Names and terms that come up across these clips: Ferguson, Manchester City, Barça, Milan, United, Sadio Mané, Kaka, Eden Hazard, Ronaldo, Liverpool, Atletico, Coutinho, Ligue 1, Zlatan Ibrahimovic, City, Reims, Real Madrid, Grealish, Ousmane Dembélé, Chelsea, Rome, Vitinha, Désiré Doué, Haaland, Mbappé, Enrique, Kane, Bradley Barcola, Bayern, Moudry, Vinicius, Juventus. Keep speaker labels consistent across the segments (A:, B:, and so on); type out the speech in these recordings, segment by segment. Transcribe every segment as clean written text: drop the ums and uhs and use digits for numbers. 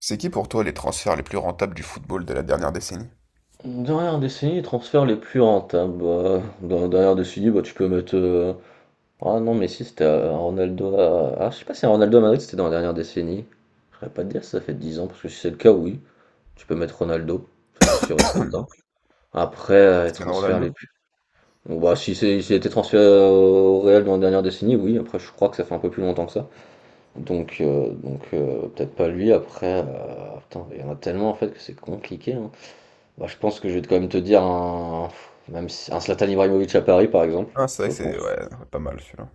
A: C'est qui pour toi les transferts les plus rentables du football de la dernière décennie?
B: Dernière décennie, les transferts les plus rentables, bah, dans la dernière décennie, bah, tu peux mettre. Ah non, mais si, c'était Ronaldo à. Ah, je sais pas si Ronaldo à Madrid c'était dans la dernière décennie. Je saurais pas te dire si ça fait 10 ans, parce que si c'est le cas, oui. Tu peux mettre Ronaldo, ça c'est sûr et certain. Après, les
A: Cristiano
B: transferts les
A: Ronaldo?
B: plus. Bon, bah, si c'est, s'il a été transféré au Real dans la dernière décennie, oui. Après, je crois que ça fait un peu plus longtemps que ça. Donc, peut-être pas lui. Après, putain, il y en a tellement en fait que c'est compliqué, hein. Bah, je pense que je vais quand même te dire un, même si- un Zlatan Ibrahimovic à Paris, par exemple,
A: Ah, c'est vrai
B: je
A: que
B: pense.
A: c'est ouais, ouais, pas mal celui-là.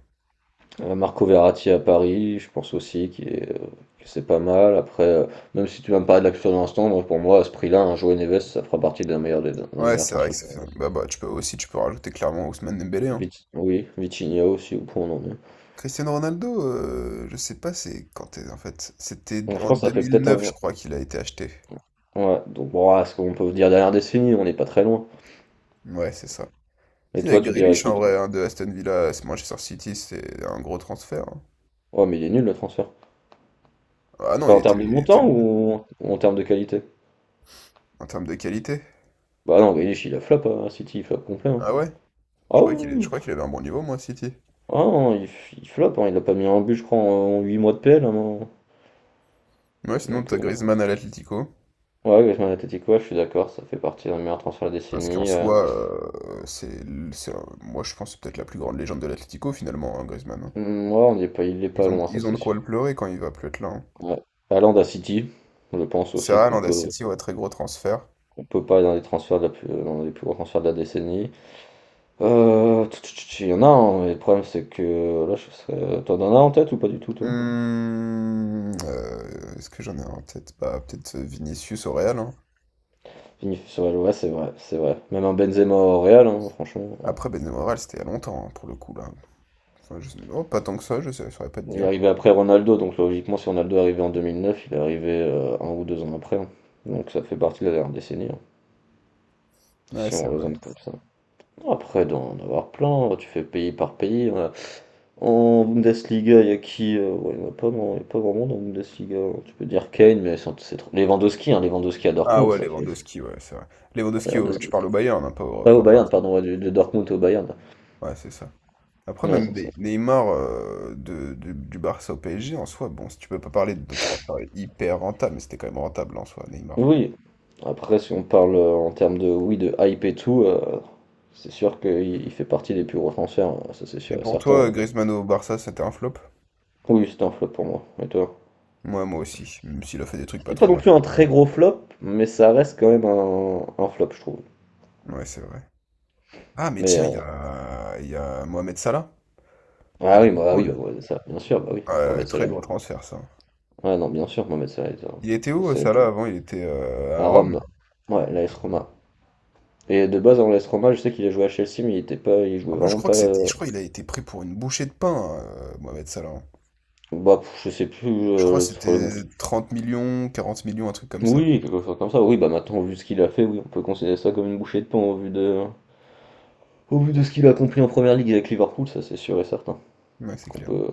B: Marco Verratti à Paris, je pense aussi qu'il est, que c'est pas mal. Après, même si tu vas me parler de l'action de l'instant, moi, pour moi, à ce prix-là, un Joao Neves, ça fera partie d'un meilleur des, d'un des
A: Ouais,
B: meilleurs
A: c'est vrai que
B: transferts.
A: ça fait. Bah, bah, tu peux aussi tu peux rajouter clairement Ousmane Dembélé, hein.
B: Oui, Vitinha aussi, ou pour non est.
A: Cristiano Ronaldo, je sais pas c'est quand en fait. C'était
B: Bon, je
A: en
B: pense que
A: deux
B: ça fait
A: mille
B: peut-être un...
A: neuf je crois, qu'il a été acheté.
B: Ouais, donc bon, ah, ce qu'on peut dire derrière décennie, on n'est pas très loin.
A: Ouais, c'est ça.
B: Et
A: Il y a
B: toi, tu dirais
A: Grealish,
B: qui?
A: en
B: Toi.
A: vrai, hein, de Aston Villa à Manchester City, c'est un gros transfert, hein.
B: Ouais, mais il est nul le transfert.
A: Ah non,
B: Pas
A: il
B: en
A: était,
B: termes de
A: il était
B: montant
A: bon,
B: ou en termes de qualité?
A: en termes de qualité.
B: Bah non, Grealish, il a flop hein, à City, il flop complet, hein.
A: Ah ouais? Je
B: Ah
A: croyais qu'il est- je
B: oui,
A: croyais qu'il avait un bon niveau, moi, à City.
B: ah non, il, il floppe, hein, il a pas mis un but, je crois, en 8 mois de PL, hein. Non.
A: Ouais, sinon,
B: Donc,
A: t'as
B: non.
A: Griezmann à l'Atlético.
B: Ouais, Griezmann Atletico, ouais, je suis d'accord, ça fait partie d'un meilleur transfert de la
A: Parce qu'en
B: décennie,
A: soi, euh, c'est, c'est- moi je pense que c'est peut-être la plus grande légende de l'Atlético finalement, hein, Griezmann, hein.
B: Hmm, ouais, on n'est pas, il est
A: Ils
B: pas
A: ont,
B: loin, ça
A: ils ont de
B: c'est sûr.
A: quoi le pleurer quand il va plus être là, hein.
B: Ouais. Haaland à City, je pense
A: C'est
B: aussi
A: vrai, Landa City, ouais, très gros transfert.
B: qu'on peut pas être dans les transferts de la plus, dans les plus gros transferts de la décennie. Il y en a un, mais le problème c'est que là, je serais... T'en as un en tête ou pas du tout, toi?
A: Est-ce que j'en ai un en tête? Bah, peut-être Vinicius au Real, hein.
B: Vinicius, ouais, ouais, c'est vrai, c'est vrai. Même un Benzema au Real, hein, franchement.
A: Après, Benzema au Real, c'était il y a longtemps, hein, pour le coup, là. Enfin, oh, pas tant que ça, je saurais pas te
B: Il est
A: dire.
B: arrivé après Ronaldo, donc logiquement, si Ronaldo est arrivé en 2009, il est arrivé un ou 2 ans après, hein. Donc ça fait partie de la dernière décennie, hein,
A: Ouais,
B: si
A: c'est
B: on
A: vrai.
B: raisonne comme ça. Après, d'en avoir plein, hein, tu fais pays par pays, hein. En Bundesliga, il y a qui ouais, il n'y en a pas, non, il y a pas vraiment dans la Bundesliga, hein. Tu peux dire Kane, mais c'est trop. Lewandowski, hein, Lewandowski à
A: Ah
B: Dortmund,
A: ouais,
B: ça fait.
A: Lewandowski, ouais, c'est vrai. Lewandowski,
B: Lewandowski.
A: tu parles au Bayern, hein, pas au,
B: Pas
A: pas
B: au
A: au
B: Bayern,
A: Barça.
B: pardon, ouais, de Dortmund au Bayern.
A: Ouais, c'est ça. Après,
B: Ouais,
A: même
B: ça,
A: des Neymar du Barça au PSG, en soi, bon, si tu peux pas parler de transfert hyper rentable, mais c'était quand même rentable en soi, Neymar.
B: oui, après, si on parle en termes de, oui, de hype et tout, c'est sûr qu'il il fait partie des plus gros transferts, hein, ça c'est
A: Et
B: sûr et
A: pour toi,
B: certain.
A: Griezmann au Barça, c'était un flop?
B: Oui, c'était un flop pour moi. Et toi?
A: Moi aussi, même s'il a fait des trucs pas
B: C'était pas
A: trop
B: non
A: mal,
B: plus un
A: c'était quand
B: très
A: même un
B: gros flop, mais ça reste quand même un flop, je trouve.
A: flop. Ouais, c'est vrai. Ah, mais
B: Mais,
A: tiens, il y a, il y a Mohamed Salah à
B: ah oui, bah,
A: Liverpool.
B: ouais, ça, bien sûr, bah oui,
A: Ouais,
B: Mohamed
A: très
B: Salah.
A: gros transfert, ça.
B: Ouais, non, bien sûr, Mohamed Salah, il est un-
A: Il était
B: enfin,
A: où,
B: c'est
A: Salah, avant? Il était à
B: à
A: Rome?
B: Rome.
A: Ouais.
B: Ouais, l'AS Roma. Et de base, en l'AS Roma, je sais qu'il a joué à Chelsea, mais il était pas, il
A: En
B: jouait
A: plus, je
B: vraiment
A: crois
B: pas,
A: que c'était, je crois qu'il a été pris pour une bouchée de pain, Mohamed Salah.
B: bah, pff, je sais plus,
A: Je crois que c'était 30 millions, 40 millions, un truc comme ça.
B: oui, quelque chose comme ça. Oui, bah maintenant, vu ce qu'il a fait, oui, on peut considérer ça comme une bouchée de pain au vu de ce qu'il a accompli en première ligue avec Liverpool, ça c'est sûr et certain.
A: Ouais, c'est
B: Qu'on
A: clair.
B: peut.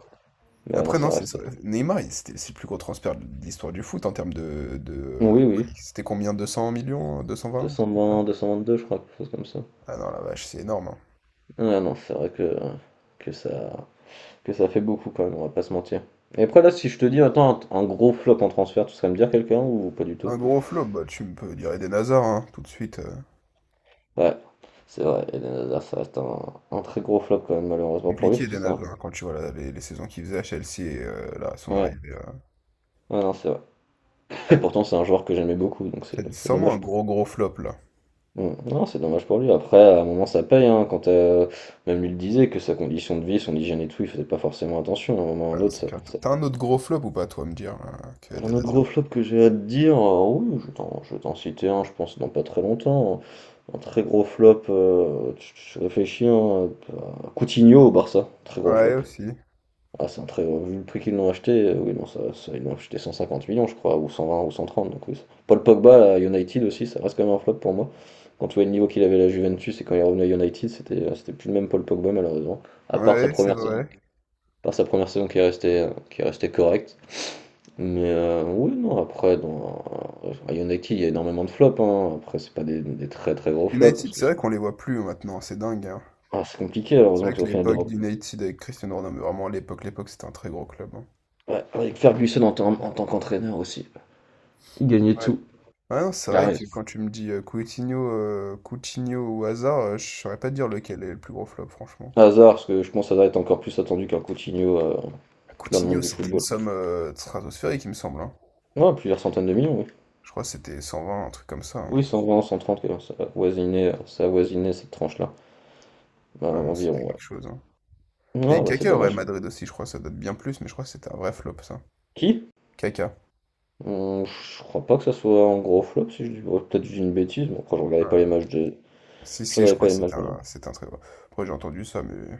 B: Mais ouais, non,
A: Après, non,
B: ça
A: c'est
B: reste.
A: Neymar, c'est le plus gros transfert de l'histoire du foot en termes de
B: Oui, oui,
A: prix. C'était combien? 200 millions? 220? Un truc comme ça.
B: 222, je crois, quelque chose comme ça.
A: Ah non, la vache, c'est énorme, hein.
B: Ah non, c'est vrai que ça, que ça fait beaucoup quand même, on va pas se mentir. Et après, là, si je te dis, attends, un gros flop en transfert, tu serais me dire quelqu'un ou pas du tout?
A: Un gros flop, bah, tu me peux dire Eden Hazard, hein, tout de suite. euh,
B: Ouais, c'est vrai, Eden Hazard, ça reste un très gros flop quand même, malheureusement pour lui,
A: compliqué
B: parce que
A: Eden
B: c'est un.
A: Hazard, hein, quand tu vois là, les saisons qu'il faisait à Chelsea et là, son
B: Ouais,
A: arrivée.
B: ouais, non, c'est vrai. Et pourtant, c'est un joueur que j'aimais beaucoup, donc c'est
A: C'est
B: c'est
A: sûrement un
B: dommage.
A: gros gros flop là.
B: Mm. Non, c'est dommage pour lui. Après, à un moment, ça paye. Hein, quand même lui le disait que sa condition de vie, son hygiène et tout, il faisait pas forcément attention. À un moment,
A: Ah
B: un
A: non,
B: autre,
A: c'est
B: ça,
A: clair. T'as
B: ça-
A: t'as un autre gros flop ou pas, toi, à me dire, là, que
B: un
A: Eden
B: autre gros
A: Hazard?
B: flop que j'ai à te dire, oui, je vais t'en citer un, je pense, dans pas très longtemps. Un très gros flop. Je réfléchis, hein. Coutinho au Barça, très gros
A: Ouais,
B: flop.
A: aussi.
B: Ah, c'est un très gros. Vu le prix qu'ils l'ont acheté, oui, non, ça, ils l'ont acheté 150 millions, je crois, ou 120 ou 130. Donc, oui. Ça- Paul Pogba à United aussi, ça reste quand même un flop pour moi. Quand tu vois le niveau qu'il avait à la Juventus et quand il est revenu à United, c'était c'était plus le même Paul Pogba malheureusement. À part sa
A: Ouais, c'est
B: première saison,
A: vrai.
B: à part sa première saison qui est restée correcte. Mais oui, non, après, dans, à United, il y a énormément de flops, hein. Après, c'est pas des, des très très gros flops
A: United,
B: parce que
A: c'est
B: c'est
A: vrai qu'on les voit plus hein, maintenant, c'est dingue, hein.
B: ah, c'est compliqué,
A: C'est
B: heureusement
A: vrai
B: qu'ils sont
A: que
B: au final
A: l'époque
B: d'Europe.
A: d'United avec Cristiano Ronaldo, mais vraiment l'époque c'était un très gros club, hein.
B: Ouais, avec Ferguson en, en tant qu'entraîneur aussi, il gagnait
A: Ouais.
B: tout.
A: Ouais, non, c'est
B: Ah,
A: vrai
B: ouais.
A: que quand tu me dis Coutinho ou Hazard, je saurais pas te dire lequel est le plus gros flop, franchement.
B: Hazard, parce que je pense que Hazard est encore plus attendu qu'un Coutinho
A: Ah,
B: dans le
A: Coutinho,
B: monde du
A: c'était une
B: football.
A: somme stratosphérique, il me semble, hein.
B: Ouais, plusieurs centaines de millions, oui.
A: Je crois que c'était 120, un truc comme ça, hein.
B: Oui, 120, 130, ça a voisiné cette tranche-là. Bah,
A: Ouais, non,
B: environ,
A: c'était
B: ouais.
A: quelque chose, hein. Et
B: Ah, bah c'est
A: Kaka au Real
B: dommage.
A: Madrid aussi, je crois, ça date bien plus, mais je crois que c'était un vrai flop, ça.
B: Qui?
A: Kaka.
B: Je crois pas que ça soit un gros flop, si je dis, ouais, peut-être que je dis une bêtise, mais après je regardais pas les
A: Ah,
B: matchs de...
A: si,
B: Je
A: si, je
B: regardais
A: crois
B: pas
A: que
B: les
A: c'était
B: matchs, non.
A: un, c'est un très gros. Après, j'ai entendu ça, mais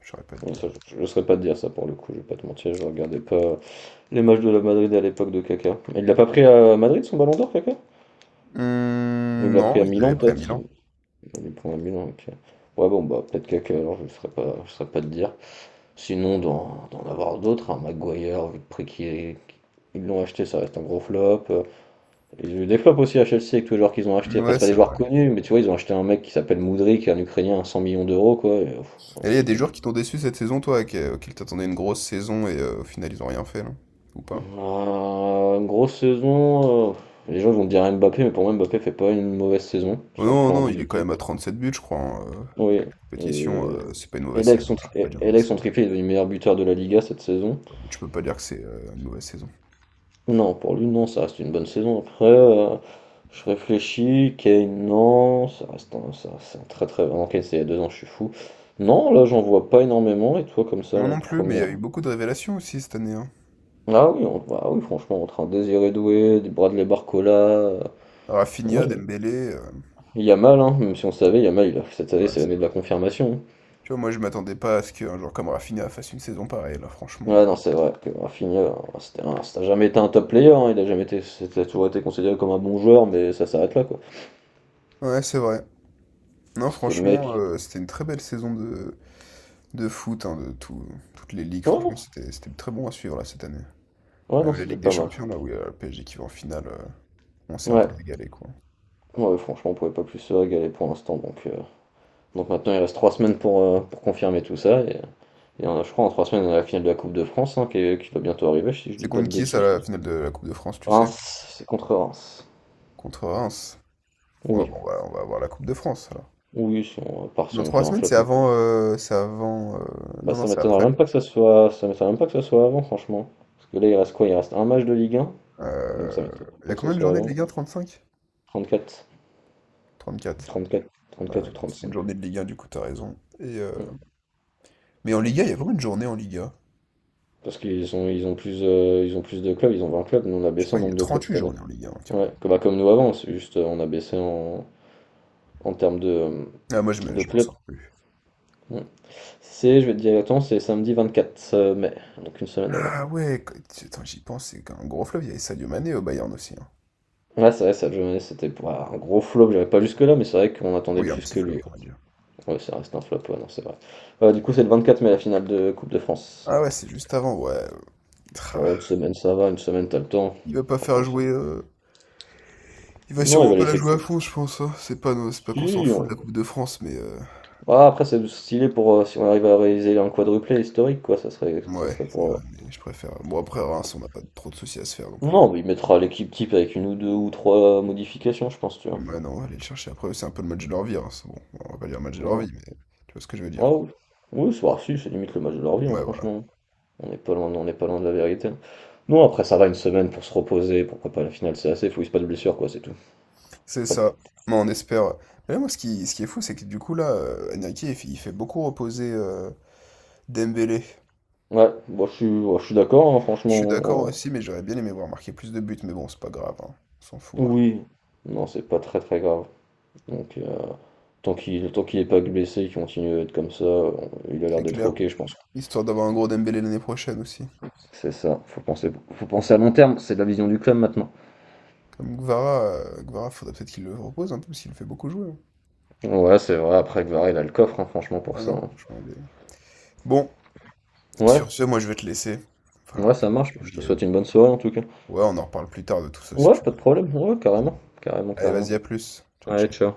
A: je saurais pas te
B: Non,
A: dire.
B: ça, je, ne saurais pas te dire ça pour le coup, je vais pas te mentir, je regardais pas les matchs de la Madrid à l'époque de Kaka. Mais il l'a pas pris à Madrid son ballon d'or, Kaka? Ou il l'a pris
A: Non,
B: à
A: il l'avait
B: Milan
A: pris à
B: peut-être?
A: Milan.
B: Il des points à Milan, ok. Ouais, bon, bah, peut-être Kaka, alors je ne saurais pas, je saurais pas te dire. Sinon, d'en avoir d'autres, un Maguire, vu le prix qui est- qu'ils l'ont acheté, ça reste un gros flop. Ils ont eu des flops aussi à Chelsea avec tous les joueurs qu'ils ont achetés. Après,
A: Ouais,
B: c'est pas des
A: c'est
B: joueurs
A: vrai.
B: connus, mais tu vois, ils ont acheté un mec qui s'appelle Moudry, qui est un Ukrainien à 100 millions d'euros, quoi,
A: Et il y a
B: il
A: des
B: joue
A: joueurs
B: plus.
A: qui t'ont déçu cette saison, toi, auxquels t'attendais une grosse saison et au final ils ont rien fait, là. Ou pas?
B: Une grosse saison, les gens vont me dire Mbappé, mais pour moi, Mbappé fait pas une mauvaise saison,
A: Oh
B: sur le
A: non,
B: plan
A: non, il est quand
B: individuel.
A: même à 37 buts, je crois, en
B: Oui,
A: compétition,
B: et,
A: c'est pas une mauvaise
B: avec
A: saison.
B: son,
A: Tu peux pas dire
B: et là, avec
A: mauvaise.
B: son triplé, il est devenu meilleur buteur de la Liga cette saison.
A: Tu peux pas dire que c'est une mauvaise saison.
B: Non, pour lui, non, ça reste une bonne saison. Après, je réfléchis. Kane, non, ça reste un, ça, c'est un très très. Non, Kane, c'est il y a 2 ans, je suis fou. Non, là, j'en vois pas énormément. Et toi, comme ça,
A: Moi
B: la
A: non plus, mais il y a eu
B: première.
A: beaucoup de révélations aussi cette année, hein.
B: Ah oui, on, bah oui, franchement, entre un Désiré Doué, des Bradley Barcola, non,
A: Rafinha, Dembélé.
B: il y a mal, hein, même si on savait, il y a, mal cette année,
A: Ouais,
B: c'est
A: c'est
B: l'année de
A: vrai.
B: la confirmation.
A: Tu vois, moi je m'attendais pas à ce qu'un joueur comme Rafinha fasse une saison pareille, là, franchement.
B: Ouais, non, c'est vrai que Rafinha, c'était un- ça n'a jamais été un top player, hein, il a jamais été. C'était toujours été considéré comme un bon joueur, mais ça s'arrête là, quoi.
A: Ouais, c'est vrai. Non,
B: Parce que le
A: franchement,
B: mec.
A: c'était une très belle saison de foot, hein, de toutes les ligues.
B: Ouais, non,
A: Franchement, c'était très bon à suivre là cette année.
B: ouais, non,
A: Même la
B: c'était
A: Ligue des
B: pas mal.
A: Champions, là, où il y a le PSG qui va en finale, on s'est un
B: Ouais.
A: peu régalé, quoi.
B: Ouais, franchement, on pouvait pas plus se régaler pour l'instant. Donc maintenant, il reste 3 semaines pour confirmer tout ça. Et, je crois en 3 semaines, on a la finale de la Coupe de France hein, qui, est- qui va bientôt arriver, si je dis
A: C'est
B: pas
A: contre
B: de
A: qui, ça,
B: bêtises.
A: la finale de la Coupe de France, tu sais?
B: Reims, c'est contre Reims.
A: Contre Reims. Ouais,
B: Oui,
A: bon, voilà, on va avoir la Coupe de France, alors.
B: oui, si on, à part si
A: Dans
B: on
A: trois
B: fait un
A: semaines, c'est
B: flottement.
A: avant... euh, c'est avant... euh,
B: Bah,
A: Non, non,
B: ça
A: c'est
B: m'étonnerait
A: après.
B: même pas que ça soit, ça m'étonnerait même pas que ça soit avant, franchement. Parce que là, il reste quoi? Il reste un match de Ligue 1, donc ça
A: Euh,
B: m'étonnerait
A: Il y
B: pas
A: a
B: que ça
A: combien de
B: soit
A: journées de
B: avant.
A: Ligue 1? 35?
B: 34,
A: 34.
B: 34,
A: Ouais,
B: 34
A: ouais,
B: ou
A: c'est une
B: 35.
A: journée de Ligue 1, du coup, t'as raison.
B: Hmm,
A: Mais en
B: ouais,
A: Liga,
B: je
A: il y a
B: sais plus.
A: combien de journées en Liga?
B: Parce qu'ils ont, ils ont plus de clubs, ils ont 20 clubs, nous on a
A: Je
B: baissé en
A: crois qu'il y
B: nombre
A: a
B: de
A: trente
B: clubs cette
A: huit
B: année.
A: journées en Liga, hein,
B: Ouais,
A: carrément.
B: comme, bah, comme nous avant, c'est juste on a baissé en, en termes
A: Ah, moi,
B: de
A: je m'en
B: club.
A: sors plus.
B: Ouais. C'est, je vais te dire attends, c'est samedi 24 mai, donc une semaine avant.
A: Ah ouais, attends, j'y pense, c'est qu'un gros fleuve, il y avait Sadio Mané au Bayern aussi, hein.
B: Ouais, c'est vrai, cette journée, c'était pour un gros flop, j'avais pas jusque-là, mais c'est vrai qu'on attendait
A: Oui, un
B: plus
A: petit
B: que
A: flop,
B: lui.
A: on va dire.
B: Ouais, ça reste un flop, ouais, non, c'est vrai. Du coup, c'est le 24 mai, la finale de Coupe de France.
A: Ah ouais, c'est juste avant, ouais. Tra.
B: Bon, une semaine, ça va, une semaine, t'as le temps.
A: Il va pas
B: T'as le temps
A: faire
B: de faire.
A: jouer. Il va
B: Non, il
A: sûrement
B: va
A: pas la
B: laisser que
A: jouer à fond, je pense, hein. C'est pas qu'on s'en
B: si,
A: fout de
B: on-
A: la Coupe de France, mais.
B: Ah, après, c'est stylé pour si on arrive à réaliser un quadruplé historique, quoi, ça
A: Ouais,
B: serait
A: c'est
B: pour,
A: vrai, mais je préfère. Bon, après, Reims, on n'a pas trop de soucis à se faire non plus.
B: non, mais il mettra l'équipe type avec une ou deux ou trois modifications, je pense, tu vois.
A: Ouais, non, on va aller le chercher après. C'est un peu le match de leur vie, hein. c'est Bon, on va pas dire le match de leur
B: Ouais.
A: vie, mais tu vois ce que je veux dire,
B: Ah
A: quoi.
B: oui, oui, c'est bah, si, c'est limite le match de leur vie, hein,
A: Ouais, voilà.
B: franchement. On n'est pas loin, on n'est pas loin de la vérité. Non, après ça va une semaine pour se reposer, pour préparer la finale, c'est assez, faut qu'il se passe de blessure, quoi, c'est tout.
A: C'est
B: Ouais,
A: ça. Mais on espère. Mais là, moi, ce qui est fou, c'est que du coup, là, Enrique, il fait, beaucoup reposer Dembélé.
B: ouais, bon, je suis, ouais, je suis d'accord, hein,
A: Je suis d'accord
B: franchement.
A: aussi, mais j'aurais bien aimé voir marquer plus de buts, mais bon, c'est pas grave, hein. On s'en fout.
B: Oui, non, c'est pas très très grave. Donc, tant qu'il est pas blessé, qu'il continue à être comme ça, on- il a l'air
A: C'est
B: d'être
A: clair.
B: ok, je pense.
A: Histoire d'avoir un gros Dembélé l'année prochaine aussi.
B: C'est ça, faut penser à long terme, c'est de la vision du club maintenant.
A: Comme Gvara, Guevara, faudrait peut-être qu'il le repose un peu, parce qu'il le fait beaucoup jouer, hein.
B: Ouais, c'est vrai, après Guevara, il a le coffre, hein, franchement, pour
A: Ouais,
B: ça,
A: non,
B: hein.
A: franchement, il est. Bon,
B: Ouais,
A: sur ce, moi, je vais te laisser. Va
B: ouais,
A: falloir que,
B: ça marche.
A: que
B: Je te
A: j'y aille.
B: souhaite une bonne soirée en tout cas.
A: Ouais, on en reparle plus tard de tout ça, si
B: Ouais,
A: tu veux.
B: pas de problème, ouais, carrément, carrément,
A: Allez, vas-y,
B: carrément.
A: à plus. Ciao,
B: Allez,
A: ciao.
B: ciao.